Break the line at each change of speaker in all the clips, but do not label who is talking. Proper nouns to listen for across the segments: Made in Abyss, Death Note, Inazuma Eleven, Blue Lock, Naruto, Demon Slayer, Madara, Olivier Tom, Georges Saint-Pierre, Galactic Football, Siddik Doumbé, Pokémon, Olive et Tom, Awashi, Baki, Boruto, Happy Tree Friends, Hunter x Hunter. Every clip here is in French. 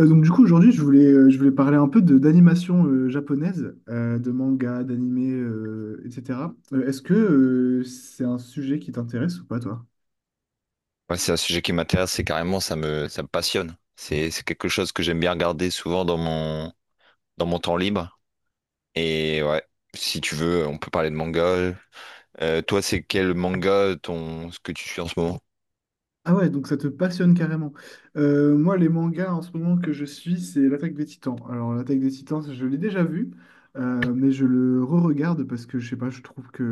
Donc du coup aujourd'hui je voulais parler un peu de d'animation japonaise, de manga, d'animé, etc. Est-ce que c'est un sujet qui t'intéresse ou pas toi?
Ouais, c'est un sujet qui m'intéresse, c'est carrément, ça me passionne. C'est quelque chose que j'aime bien regarder souvent dans mon temps libre. Et ouais, si tu veux, on peut parler de manga. Toi, c'est quel manga ton, ce que tu suis en ce moment?
Ah ouais, donc ça te passionne carrément. Moi les mangas en ce moment que je suis c'est l'Attaque des Titans. Alors l'Attaque des Titans je l'ai déjà vu, mais je le re-regarde parce que je sais pas, je trouve que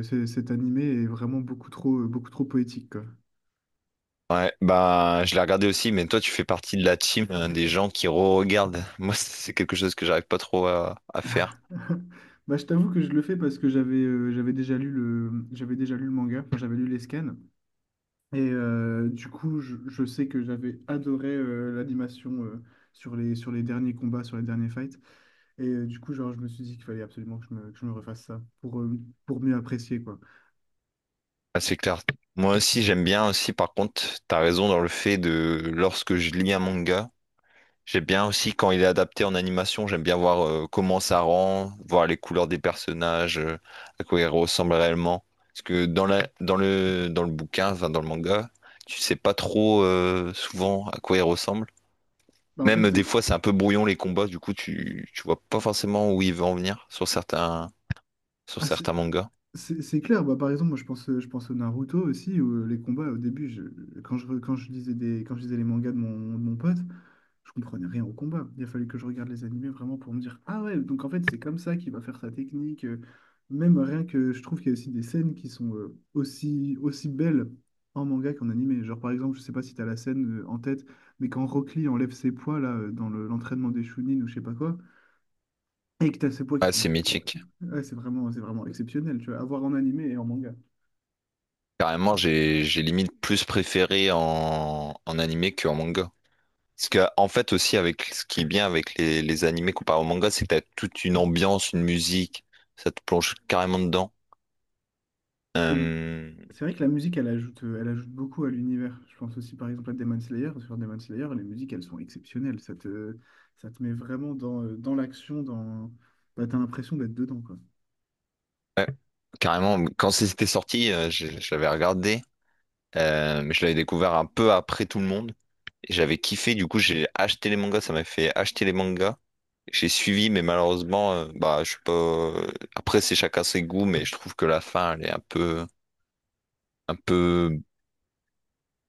cet animé est vraiment beaucoup trop poétique quoi.
Ouais, bah, je l'ai regardé aussi, mais toi, tu fais partie de la team, des gens qui re-regardent. Moi, c'est quelque chose que j'arrive pas trop à faire.
Bah, je t'avoue que je le fais parce que j'avais déjà lu le manga, enfin j'avais lu les scans et du coup je sais que j'avais adoré l'animation sur les derniers combats, sur les derniers fights et du coup genre je me suis dit qu'il fallait absolument que je me refasse ça pour mieux apprécier quoi.
Ah, c'est clair. Moi aussi, j'aime bien aussi, par contre, t'as raison dans le fait de, lorsque je lis un manga, j'aime bien aussi quand il est adapté en animation, j'aime bien voir comment ça rend, voir les couleurs des personnages, à quoi ils ressemblent réellement. Parce que dans le bouquin, enfin dans le manga, tu sais pas trop souvent à quoi ils ressemblent.
Bah, en
Même
fait
des
euh,
fois, c'est un peu brouillon les combats, du coup, tu vois pas forcément où il veut en venir sur certains, sur
ah,
certains mangas.
c'est clair. Bah, par exemple moi je pense au Naruto aussi où les combats au début quand je lisais des quand je lisais les mangas de mon pote. Je comprenais rien au combat. Il a fallu que je regarde les animés vraiment pour me dire, ah ouais, donc en fait, c'est comme ça qu'il va faire sa technique. Même rien que je trouve qu'il y a aussi des scènes qui sont aussi, aussi belles en manga qu'en animé. Genre, par exemple, je sais pas si tu as la scène en tête, mais quand Rock Lee enlève ses poids là, dans l'entraînement des Chunin ou je sais pas quoi, et que tu as ses poids qui
Ouais,
font.
c'est mythique.
Ouais, c'est vraiment exceptionnel, tu vois, à voir en animé et en manga.
Carrément, j'ai limite plus préféré en, en animé qu'en manga. Parce que, en fait, aussi, avec ce qui est bien avec les animés comparé au manga, c'est que t'as toute une ambiance, une musique, ça te plonge carrément dedans. Euh,
C'est vrai que la musique, elle ajoute beaucoup à l'univers. Je pense aussi par exemple à Demon Slayer. Sur Demon Slayer, les musiques, elles sont exceptionnelles. Ça te met vraiment dans, dans l'action, dans... Bah, t'as l'impression d'être dedans, quoi.
ouais, carrément, quand c'était sorti, je l'avais regardé, mais je l'avais découvert un peu après tout le monde. Et j'avais kiffé, du coup, j'ai acheté les mangas, ça m'a fait acheter les mangas. J'ai suivi, mais malheureusement, bah, je sais pas. Après, c'est chacun ses goûts, mais je trouve que la fin, elle est un peu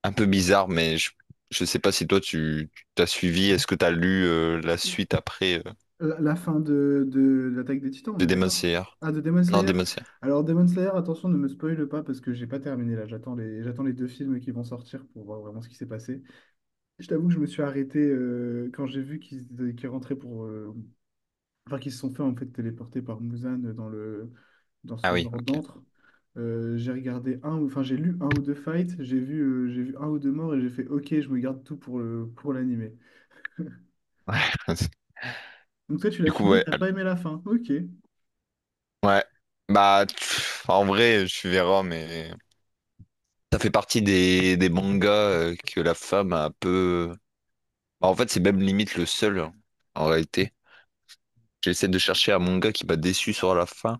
un peu bizarre, mais je sais pas si toi tu t'as suivi. Est-ce que t'as lu la suite après
La fin de l'Attaque des Titans, on
de
est
Demon
d'accord?
Slayer?
Ah, de Demon
Non,
Slayer.
Demon Slayer.
Alors Demon Slayer, attention, ne me spoile pas parce que j'ai pas terminé là. J'attends les deux films qui vont sortir pour voir vraiment ce qui s'est passé. Je t'avoue que je me suis arrêté quand j'ai vu qu'ils rentraient pour, enfin qui se sont fait en fait téléporter par Muzan dans le dans
Ah
son
oui,
genre
ok.
d'antre. J'ai regardé un, ou- Enfin j'ai lu un ou deux fights, j'ai vu un ou deux morts et j'ai fait OK, je me garde tout pour le pour l'animé.
Ouais.
Donc toi tu l'as
Du coup,
fini, et t'as pas aimé la fin. OK.
ouais. Bah, pff, en vrai, je suis verras, mais ça fait partie des mangas que la femme a un peu. Bah, en fait, c'est même limite le seul, hein, en réalité. J'essaie de chercher un manga qui m'a déçu sur la fin.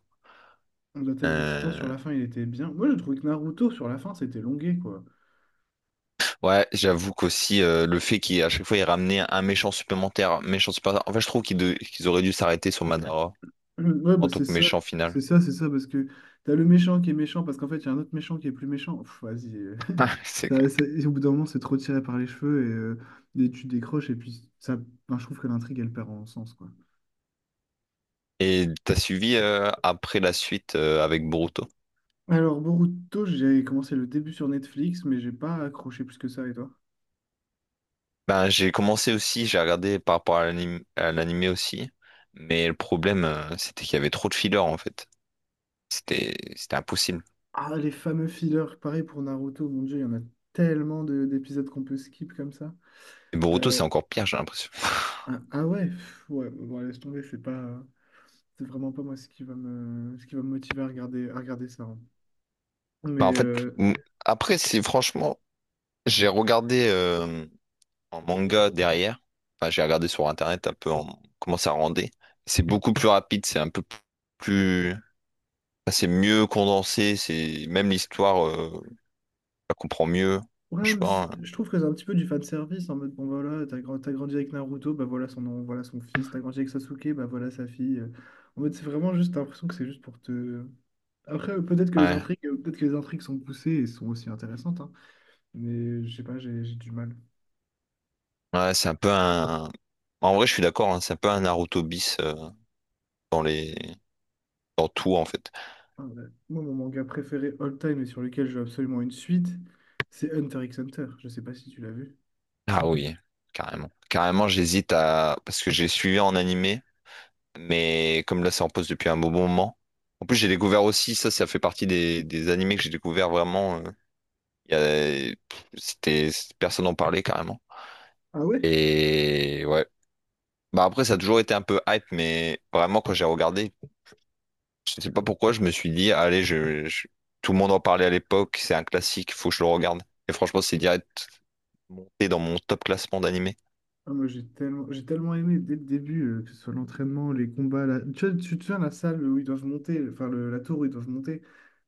L'Attaque des Titans
Euh,
sur la fin, il était bien. Moi, j'ai trouvé que Naruto sur la fin, c'était longué quoi.
Ouais, j'avoue qu'aussi le fait qu'à chaque fois il ramenait un méchant supplémentaire. En fait, je trouve qu'ils auraient dû s'arrêter sur Madara
Ouais,
en
bah
tant
c'est
que
ça.
méchant final.
C'est ça, c'est ça parce que t'as le méchant qui est méchant parce qu'en fait, il y a un autre méchant qui est plus méchant. Pff, vas-y.
C'est clair.
Et au bout d'un moment, c'est trop tiré par les cheveux et tu décroches. Et puis, ça, ben, je trouve que l'intrigue, elle perd en sens, quoi.
Et t'as suivi après la suite avec Boruto?
Alors, Boruto, j'ai commencé le début sur Netflix, mais j'ai pas accroché plus que ça, et toi?
Ben j'ai commencé aussi, j'ai regardé par rapport à à l'animé aussi, mais le problème c'était qu'il y avait trop de fillers en fait. C'était impossible.
Ah, les fameux fillers, pareil pour Naruto, mon Dieu, il y en a tellement d'épisodes qu'on peut skip comme ça.
Et Boruto
Euh,
c'est encore pire, j'ai l'impression.
ah ouais, pff, ouais, bon, laisse tomber, c'est vraiment pas moi ce qui va me motiver à regarder ça, hein. Mais
Bah, en fait, m- après, c'est franchement, j'ai regardé. En manga derrière. Enfin, j'ai regardé sur internet un peu comment ça rendait. C'est beaucoup plus rapide, c'est un peu plus, enfin, c'est mieux condensé, c'est même l'histoire, je la comprends mieux.
ouais, mais
Franchement,
je trouve que c'est un petit peu du fan service en mode bon voilà, t'as grandi avec Naruto, bah voilà son nom, voilà son fils, t'as grandi avec Sasuke, bah voilà sa fille. En mode c'est vraiment juste t'as l'impression que c'est juste pour te. Après
euh, ouais,
peut-être que les intrigues sont poussées et sont aussi intéressantes, hein. Mais je sais pas, j'ai du mal.
ouais, c'est un peu un. En vrai, je suis d'accord, hein, c'est un peu un Naruto bis dans les, dans tout en fait.
Ah, ouais. Moi mon manga préféré all time et sur lequel je veux absolument une suite, c'est Hunter x Hunter. Je sais pas si tu l'as vu.
Ah oui, carrément, j'hésite à parce que j'ai suivi en animé, mais comme là, c'est en pause depuis un bon moment. En plus, j'ai découvert aussi, ça fait partie des animés que j'ai découvert vraiment. Il y a- C'était, personne n'en parlait carrément.
Ah ouais?
Et ouais. Bah après, ça a toujours été un peu hype, mais vraiment, quand j'ai regardé, je sais pas pourquoi, je me suis dit, tout le monde en parlait à l'époque, c'est un classique, faut que je le regarde. Et franchement, c'est direct monté dans mon top classement d'animé.
Ah, moi, j'ai tellement aimé dès le début, que ce soit l'entraînement, les combats. Tu vois, tu te souviens la salle où ils doivent monter, enfin la tour où ils doivent monter.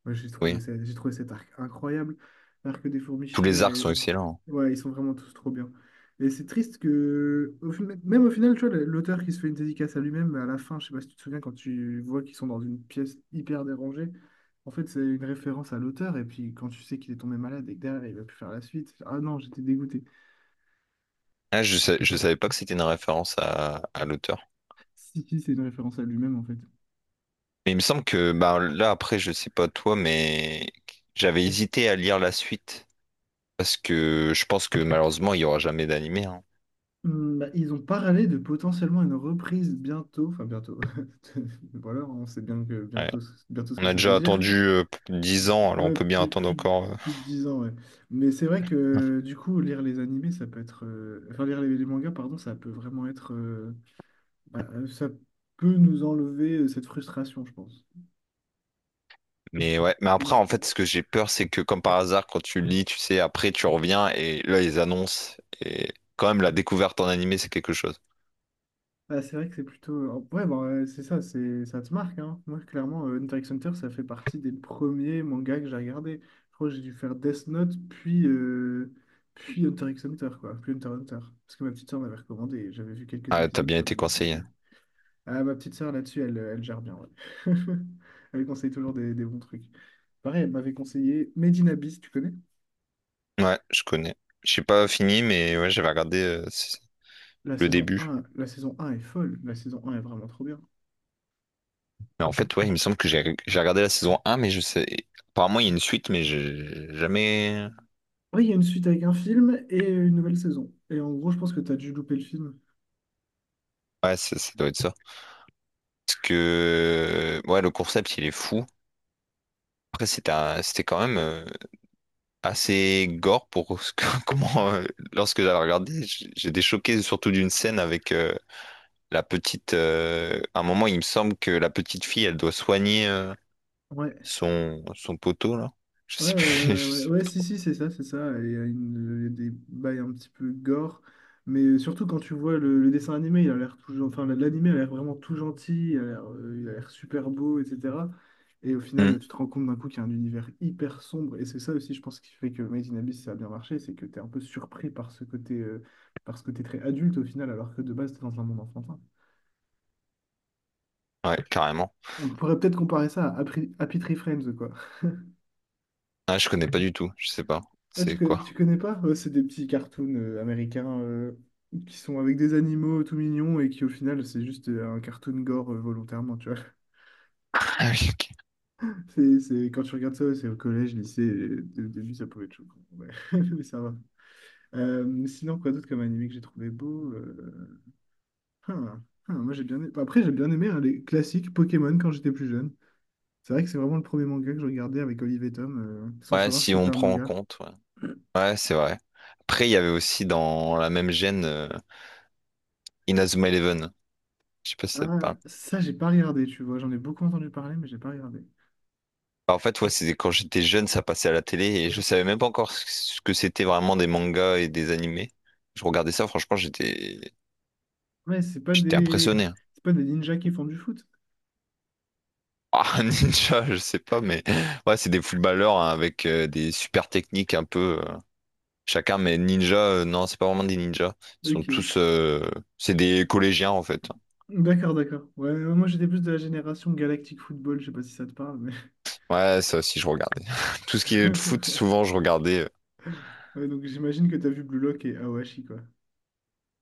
Moi,
Oui.
j'ai trouvé cet arc incroyable. L'arc des fourmis
Tous les
chimères.
arcs
Et...
sont excellents, hein.
Ouais, ils sont vraiment tous trop bien. Et c'est triste que, même au final, tu vois, l'auteur qui se fait une dédicace à lui-même, à la fin, je sais pas si tu te souviens, quand tu vois qu'ils sont dans une pièce hyper dérangée, en fait, c'est une référence à l'auteur. Et puis, quand tu sais qu'il est tombé malade et que derrière, il va plus faire la suite, ah non, j'étais dégoûté.
Ah, je savais pas que c'était une référence à l'auteur.
Si, si, c'est une référence à lui-même, en fait.
Mais il me semble que, bah là, après, je sais pas toi, mais j'avais hésité à lire la suite. Parce que je pense que malheureusement, il y aura jamais d'animé, hein.
Hmm, bah, ils ont parlé de potentiellement une reprise bientôt, enfin bientôt, voilà, on sait bien que
Ouais.
bientôt, bientôt ce
On
que
a
ça veut
déjà
dire.
attendu 10 ans, alors on
Ouais,
peut bien attendre encore.
plus de 10 ans, ouais. Mais c'est vrai que du coup, lire les animés, ça peut être. Enfin, lire les mangas, pardon, ça peut vraiment être. Bah, ça peut nous enlever cette frustration, je pense.
Mais ouais, mais après, en fait, ce que j'ai peur, c'est que comme par hasard, quand tu lis, tu sais, après, tu reviens et là, ils annoncent. Et quand même, la découverte en animé, c'est quelque chose.
Ah, c'est vrai que c'est plutôt. Ouais, bah, c'est ça te marque, hein. Moi, clairement, Hunter x Hunter, ça fait partie des premiers mangas que j'ai regardé. Je crois que j'ai dû faire Death Note, puis Hunter x Hunter, quoi. Puis Hunter x Hunter. Parce que ma petite sœur m'avait recommandé et j'avais vu quelques
Ah, t'as
épisodes,
bien
ça
été
m'avait tenté.
conseillé.
Ah, ma petite sœur, là-dessus, elle gère bien, ouais. Elle me conseille toujours des bons trucs. Pareil, elle m'avait conseillé Made in Abyss, tu connais?
Ouais, je connais. J'ai pas fini, mais ouais, j'avais regardé
La
le
saison
début.
1, La saison 1 est folle. La saison 1 est vraiment trop bien.
Mais en fait, ouais, il me semble que j'ai regardé la saison un, mais je sais. Apparemment, il y a une suite, mais j'ai jamais.
Oui, il y a une suite avec un film et une nouvelle saison. Et en gros, je pense que tu as dû louper le film.
Ouais, ça doit être ça. Parce que. Ouais, le concept, il est fou. Après, c'était quand même. Assez gore pour comment lorsque j'avais regardé j'étais choqué surtout d'une scène avec la petite à un moment il me semble que la petite fille elle doit soigner
Ouais,
son poteau là je
ouais,
sais
ouais,
plus
ouais, ouais,
je
ouais,
sais
ouais,
plus
si,
trop.
si, c'est ça, c'est ça. Et il y a des bails un petit peu gore, mais surtout quand tu vois le dessin animé, il a l'air tout, enfin, l'animé a l'air vraiment tout gentil, il a l'air super beau, etc. Et au
Hmm.
final, tu te rends compte d'un coup qu'il y a un univers hyper sombre, et c'est ça aussi, je pense, qui fait que Made in Abyss, ça a bien marché, c'est que tu es un peu surpris par ce côté très adulte au final, alors que de base, tu es dans un monde enfantin.
Ouais, carrément.
On pourrait peut-être comparer ça à Happy Tree Friends, quoi.
Ah, je connais pas du tout, je sais pas
Ah,
c'est quoi.
tu connais pas? Ouais, c'est des petits cartoons américains qui sont avec des animaux tout mignons et qui, au final, c'est juste un cartoon gore volontairement, tu vois.
Ah oui, ok.
C'est, quand tu regardes ça, ouais, c'est au collège, lycée, et au début, ça pouvait être choquant. Ouais. Mais ça va. Sinon, quoi d'autre comme animé que j'ai trouvé beau? Hein, hein, moi, j'ai bien aimé- Après, j'ai bien aimé hein, les classiques Pokémon quand j'étais plus jeune. C'est vrai que c'est vraiment le premier manga que je regardais avec Olive et Tom, sans
Ouais,
savoir que
si
c'était
on
un
prend en
manga.
compte, ouais, ouais, c'est vrai, après il y avait aussi dans la même gêne Inazuma Eleven, je sais pas si ça te
Ah,
parle.
ça, j'ai pas regardé, tu vois. J'en ai beaucoup entendu parler, mais j'ai pas regardé.
Bah, en fait, ouais, c'est quand j'étais jeune, ça passait à la télé et je savais même pas encore ce que c'était vraiment des mangas et des animés. Je regardais ça, franchement, j'étais
Ouais, c'est pas
j'étais
des...
impressionné, hein.
c'est pas des ninjas qui font du foot.
Ah, un ninja, je sais pas, mais ouais, c'est des footballeurs hein, avec des super techniques un peu chacun, mais ninja, non, c'est pas vraiment des ninjas. Ils sont
OK.
tous, c'est des collégiens en fait.
D'accord, d'accord. Ouais, ouais, moi j'étais plus de la génération Galactic Football, je sais pas si ça te parle, mais.
Ouais, ça aussi, je regardais. Tout ce qui est de foot, souvent, je regardais.
Ouais, donc j'imagine que t'as vu Blue Lock et Awashi, quoi.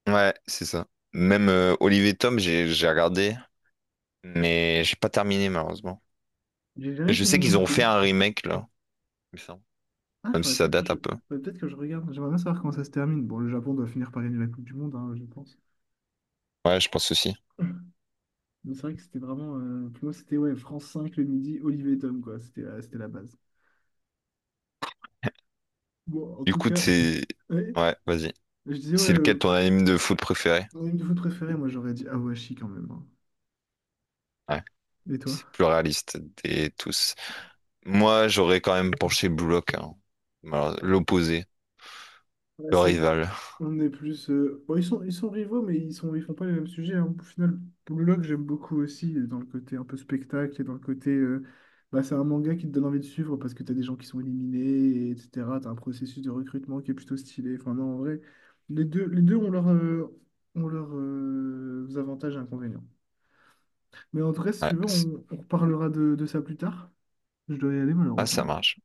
Ouais, c'est ça. Même Olivier Tom, j'ai regardé, mais j'ai pas terminé malheureusement.
J'ai jamais
Je
fini
sais
non
qu'ils ont fait
plus.
un remake là, il me semble.
Ah,
Même si ça date un peu.
Faudrait peut-être que je regarde. J'aimerais bien savoir comment ça se termine. Bon, le Japon doit finir par gagner la Coupe du Monde, hein, je pense.
Ouais, je pense aussi.
Mais c'est vrai que c'était vraiment. Pour moi, c'était ouais, France 5 le midi, Olivier et Tom, quoi. C'était la base. Bon, en
Du
tout
coup,
cas,
c'est...
ouais,
Ouais, vas-y.
je disais, ouais,
C'est lequel ton anime de foot préféré?
mon anime de foot préféré, moi j'aurais dit Awashi quand même, hein.
Ouais,
Et toi?
c'est le plus réaliste des tous. Moi, j'aurais quand même penché Blue Lock, hein. Alors, l'opposé,
Ouais,
le rival.
on est plus. Bon, ils sont rivaux, mais ils font pas les mêmes sujets, hein. Au final, Blue Lock, j'aime beaucoup aussi, dans le côté un peu spectacle et dans le côté. Bah, c'est un manga qui te donne envie de suivre parce que t'as des gens qui sont éliminés, et etc. T'as un processus de recrutement qui est plutôt stylé. Enfin, non, en vrai, les deux ont leurs ont leurs avantages et inconvénients. Mais en tout cas, si
Ouais,
tu veux,
c'est-
on reparlera de ça plus tard. Je dois y aller,
ah,
malheureusement.
ça marche.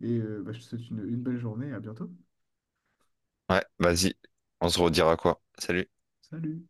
Et bah, je te souhaite une belle journée, à bientôt.
Ouais, vas-y. On se redira quoi? Salut.
Salut!